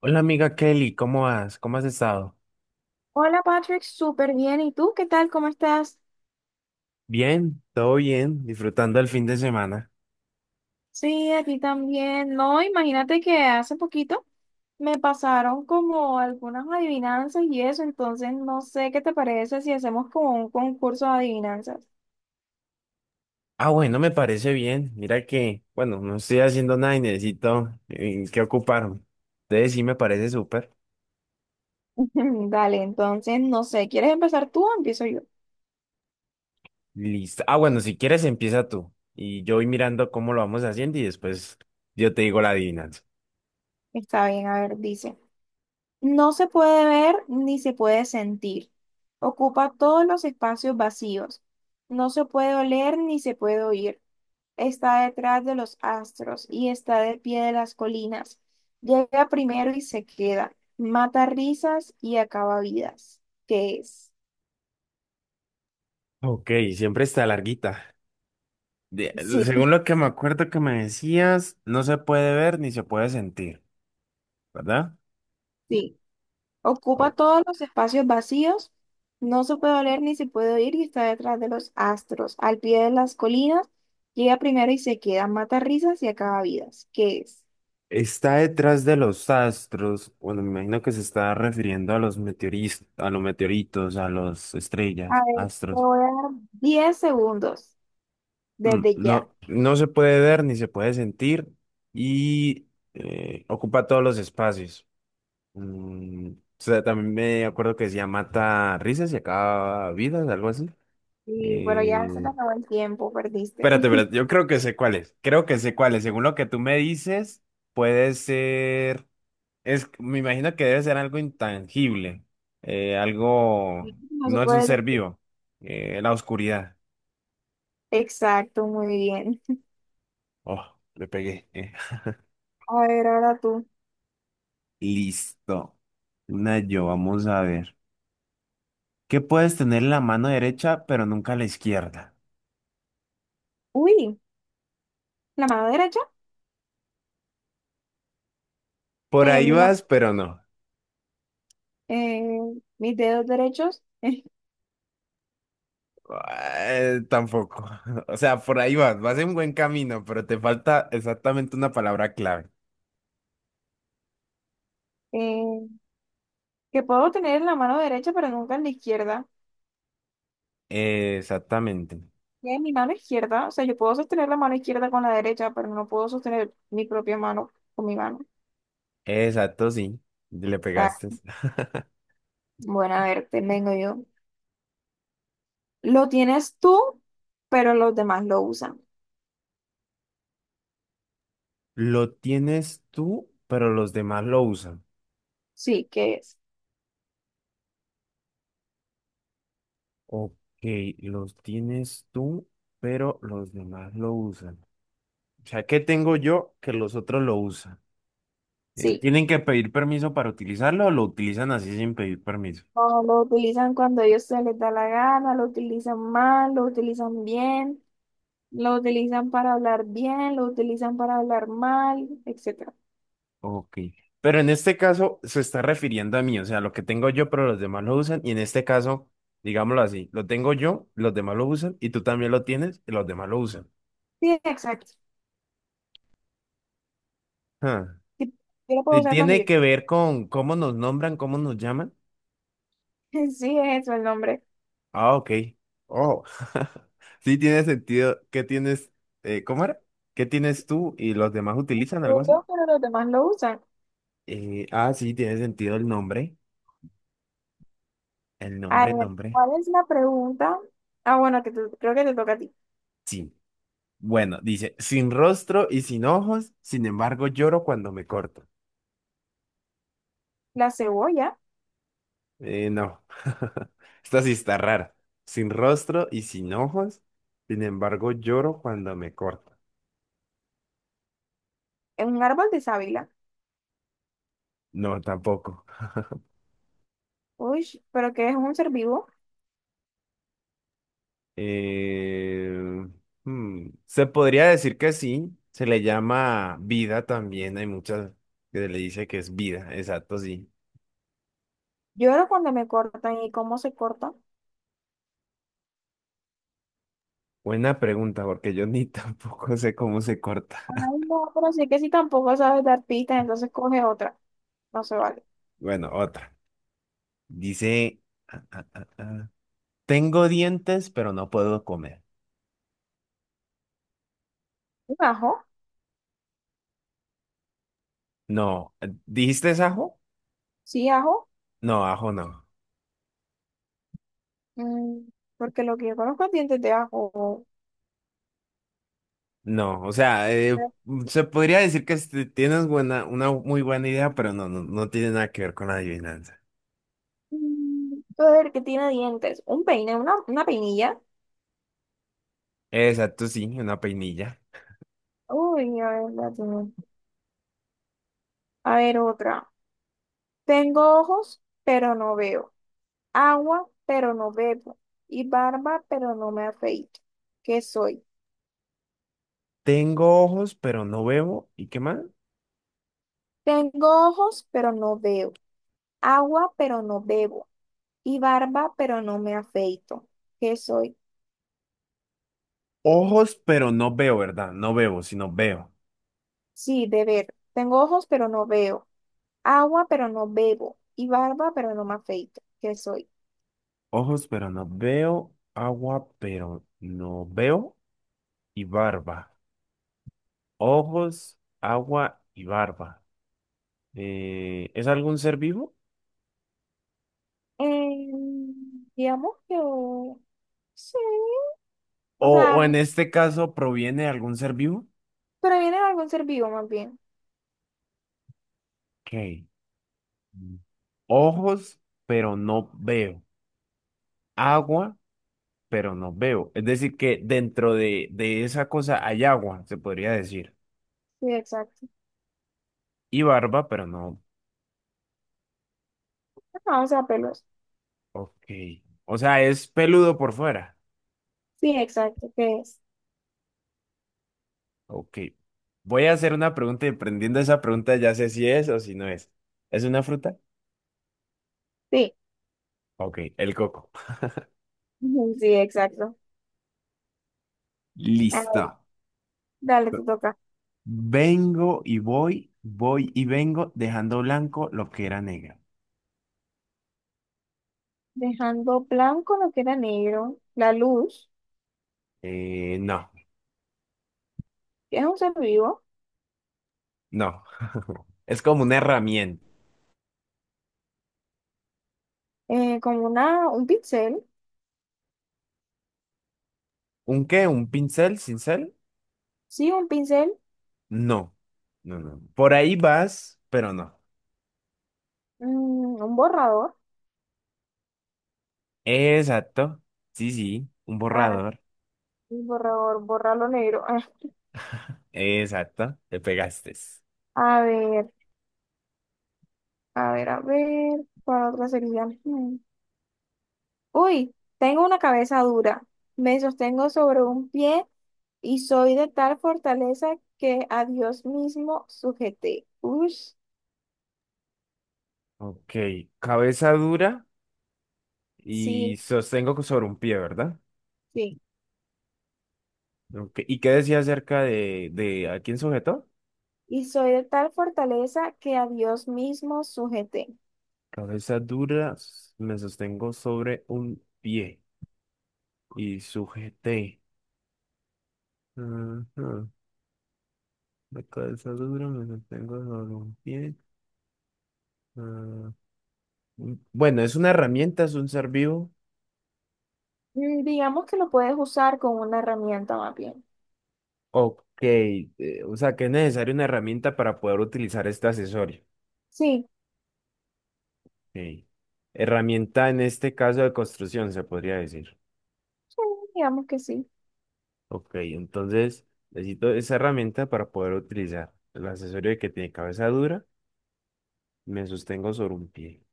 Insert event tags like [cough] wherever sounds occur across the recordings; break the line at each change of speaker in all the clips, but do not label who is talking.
Hola amiga Kelly, ¿cómo vas? ¿Cómo has estado?
Hola Patrick, súper bien. ¿Y tú qué tal? ¿Cómo estás?
Bien, todo bien, disfrutando el fin de semana.
Sí, aquí también. No, imagínate que hace poquito me pasaron como algunas adivinanzas y eso, entonces no sé qué te parece si hacemos como un concurso de adivinanzas.
Ah, bueno, me parece bien. Mira que, bueno, no estoy haciendo nada y necesito que ocuparme. Entonces sí me parece súper.
[laughs] Dale, entonces no sé, ¿quieres empezar tú o empiezo yo?
Listo. Ah, bueno, si quieres empieza tú. Y yo voy mirando cómo lo vamos haciendo y después yo te digo la adivinanza.
Está bien, a ver, dice, no se puede ver ni se puede sentir. Ocupa todos los espacios vacíos. No se puede oler ni se puede oír. Está detrás de los astros y está de pie de las colinas. Llega primero y se queda, mata risas y acaba vidas. ¿Qué es?
Ok, siempre está larguita. De- Según
Sí.
lo que me acuerdo que me decías, no se puede ver ni se puede sentir, ¿verdad?
Sí. Ocupa
Ok.
todos los espacios vacíos, no se puede oler ni se puede oír y está detrás de los astros, al pie de las colinas. Llega primero y se queda, mata risas y acaba vidas. ¿Qué es?
Está detrás de los astros, bueno, me imagino que se está refiriendo a los a los meteoritos, a las
A
estrellas,
ver, te
astros.
voy a dar 10 segundos desde ya.
No, no se puede ver ni se puede sentir y ocupa todos los espacios. Mm, o sea, también me acuerdo que decía mata risas y acaba vidas, algo así.
Y bueno, ya se te
Eh,
acabó el tiempo, perdiste.
espérate,
[laughs]
espérate, yo creo que sé cuál es. Creo que sé cuál es. Según lo que tú me dices, puede ser. Es, me imagino que debe ser algo intangible, algo,
No se
no es un
puede.
ser vivo, la oscuridad.
Exacto, muy bien.
Oh, le pegué.
A ver, ahora tú.
Listo. Una yo, vamos a ver. ¿Qué puedes tener en la mano derecha, pero nunca la izquierda?
Uy, la mano derecha. O
Por
sea, yo
ahí
mi mano-
vas, pero no.
eh, mis dedos derechos. [laughs]
Tampoco. [laughs] O sea, por ahí vas, vas en buen camino, pero te falta exactamente una palabra clave.
eh, que puedo tener en la mano derecha, pero nunca en la izquierda.
Exactamente.
Y en mi mano izquierda. O sea, yo puedo sostener la mano izquierda con la derecha, pero no puedo sostener mi propia mano con mi mano.
Exacto, sí. Le
Ah,
pegaste.
bueno, a ver, te vengo yo. Lo tienes tú, pero los demás lo usan.
Lo tienes tú, pero los demás lo usan.
Sí, ¿qué es?
Ok, los tienes tú, pero los demás lo usan. O sea, ¿qué tengo yo que los otros lo usan?
Sí.
¿Tienen que pedir permiso para utilizarlo o lo utilizan así sin pedir permiso?
No, lo utilizan cuando a ellos se les da la gana, lo utilizan mal, lo utilizan bien, lo utilizan para hablar bien, lo utilizan para hablar mal, etcétera.
Ok. Pero en este caso se está refiriendo a mí, o sea, lo que tengo yo, pero los demás lo usan. Y en este caso, digámoslo así, lo tengo yo, los demás lo usan, y tú también lo tienes, y los demás lo usan.
Sí, exacto.
Ah.
Sí, yo lo puedo usar cuando
¿Tiene
yo
que
quiera.
ver con cómo nos nombran, cómo nos llaman?
[laughs] Sí, es eso el nombre.
Ah, ok. Oh, [laughs] sí tiene sentido. ¿Qué tienes? ¿Cómo era? ¿Qué tienes tú y los demás utilizan algo así?
Yo, pero los demás lo usan.
Sí, tiene sentido el nombre. El
A
nombre,
ver,
nombre.
¿cuál es la pregunta? Ah, bueno, creo que te toca a ti.
Sí. Bueno, dice, sin rostro y sin ojos, sin embargo lloro cuando me corto.
La cebolla
No. [laughs] Esta sí está rara. Sin rostro y sin ojos, sin embargo lloro cuando me corto.
es un árbol de sábila.
No, tampoco.
Uy, pero que es un ser vivo.
Eh, se podría decir que sí, se le llama vida también, hay muchas que le dice que es vida, exacto, sí.
Lloro cuando me cortan y cómo se corta.
Buena pregunta, porque yo ni [laughs] tampoco sé cómo se corta. [laughs]
Ay, no, pero sí que si tampoco sabes dar pistas, entonces coge otra. No se vale.
Bueno, otra. Dice, ah, ah, ah, ah, tengo dientes, pero no puedo comer.
¿Un ajo?
No, ¿dijiste es ajo?
Sí, ajo.
No, ajo no.
Mm, porque lo que yo conozco es dientes de ajo.
No, o sea, se podría decir que este, tienes buena, una muy buena idea, pero no tiene nada que ver con la adivinanza.
Mm, a ver, ¿qué tiene dientes? Un peine, una peinilla.
Exacto, sí, una peinilla.
Uy, a ver, la tengo. A ver, otra. Tengo ojos, pero no veo. Agua, pero no bebo. Y barba, pero no me afeito. ¿Qué soy?
Tengo ojos, pero no veo. ¿Y qué más?
Tengo ojos, pero no veo. Agua, pero no bebo. Y barba, pero no me afeito. ¿Qué soy?
Ojos, pero no veo, ¿verdad? No veo, sino veo.
Sí, de ver. Tengo ojos, pero no veo. Agua, pero no bebo. Y barba, pero no me afeito. ¿Qué soy?
Ojos, pero no veo. Agua, pero no veo. Y barba. Ojos, agua y barba. ¿Es algún ser vivo?
Digamos que... Sí, o
O, o
sea,
en este caso, ¿proviene de algún ser vivo?
pero viene de algún ser vivo más bien.
Ok. Ojos, pero no veo. Agua, pero no veo. Es decir, que dentro de esa cosa hay agua, se podría decir.
Sí, exacto.
Y barba, pero no.
Vamos a pelos.
Ok. O sea, es peludo por fuera.
Sí, exacto. ¿Qué es?
Ok. Voy a hacer una pregunta y prendiendo esa pregunta ya sé si es o si no es. ¿Es una fruta?
Sí,
Ok, el coco. [laughs]
[laughs] ujú, sí, exacto. A ver,
Listo.
dale, te toca.
Vengo y voy, voy y vengo, dejando blanco lo que era negro.
Dejando blanco lo que era negro, la luz,
Eh, no,
que es un ser vivo,
no. [laughs] Es como una herramienta.
como una, un pincel.
¿Un qué? ¿Un pincel? ¿Cincel?
Sí, un pincel,
No, no. Por ahí vas, pero no.
mm, un borrador.
Exacto. Sí, sí, un
Ah,
borrador.
un borrador, borrar lo negro. Ah,
Exacto, te pegaste.
a ver, a ver, a ver, ¿cuál otra sería? Mm. Uy, tengo una cabeza dura. Me sostengo sobre un pie y soy de tal fortaleza que a Dios mismo sujeté. Uy,
Ok, cabeza dura
sí,
y sostengo sobre un pie, ¿verdad?
sí.
Ok, ¿y qué decía acerca de a quién sujetó?
Y soy de tal fortaleza que a Dios mismo sujeté.
Cabeza dura, me sostengo sobre un pie y sujeté. Ajá, la cabeza dura, me sostengo sobre un pie. ah, Bueno, es una herramienta, es un ser vivo.
Mm, digamos que lo puedes usar con una herramienta más bien.
Ok, o sea que es necesaria una herramienta para poder utilizar este accesorio.
Sí,
Ok. Herramienta en este caso de construcción, se podría decir.
sí, digamos que sí.
Ok, entonces necesito esa herramienta para poder utilizar el accesorio que tiene cabeza dura. Me sostengo sobre un pie.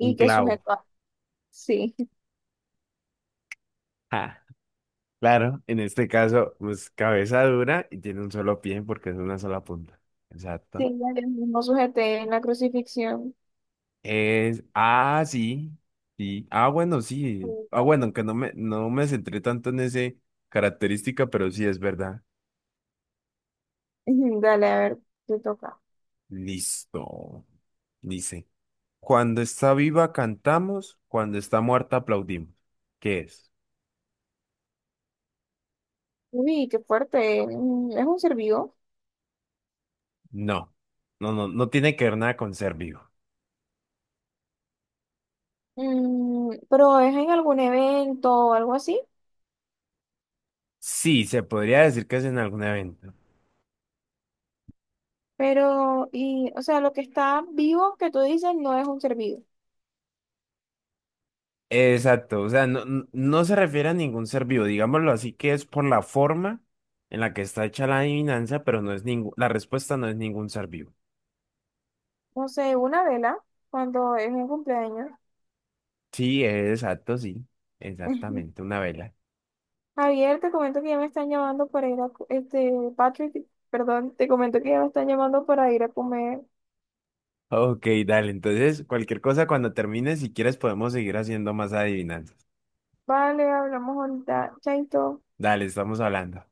Un
que
clavo.
sujeto
[laughs]
sí,
Ja, claro, en este caso, pues cabeza dura y tiene un solo pie porque es una sola punta. Exacto.
sí, ya mismo sujeté en la crucifixión.
Sí, sí. Ah, bueno, sí. Ah,
Bonito.
bueno, aunque no me centré tanto en ese característica, pero sí es verdad.
Ujú, dale, a ver, te toca.
Listo. Dice, cuando está viva cantamos, cuando está muerta aplaudimos. ¿Qué es?
Uy, qué fuerte. Mm, es un servidor.
No, no, no tiene que ver nada con ser vivo.
Mm, pero es en algún evento o algo así.
Sí, se podría decir que es en algún evento.
Pero, y, o sea, lo que está vivo que tú dices no es un servido.
Exacto, o sea, no se refiere a ningún ser vivo, digámoslo así, que es por la forma en la que está hecha la adivinanza, pero no es ningún, la respuesta no es ningún ser vivo.
No sé, una vela, cuando es un cumpleaños.
Sí, exacto, sí, exactamente,
[laughs]
una vela.
Javier, te comento que ya me están llamando para ir a, co- este, Patrick, perdón, te comento que ya me están llamando para ir a comer.
Ok, dale, entonces cualquier cosa cuando termines si quieres podemos seguir haciendo más adivinanzas.
Vale, hablamos ahorita. Chaito.
Dale, estamos hablando.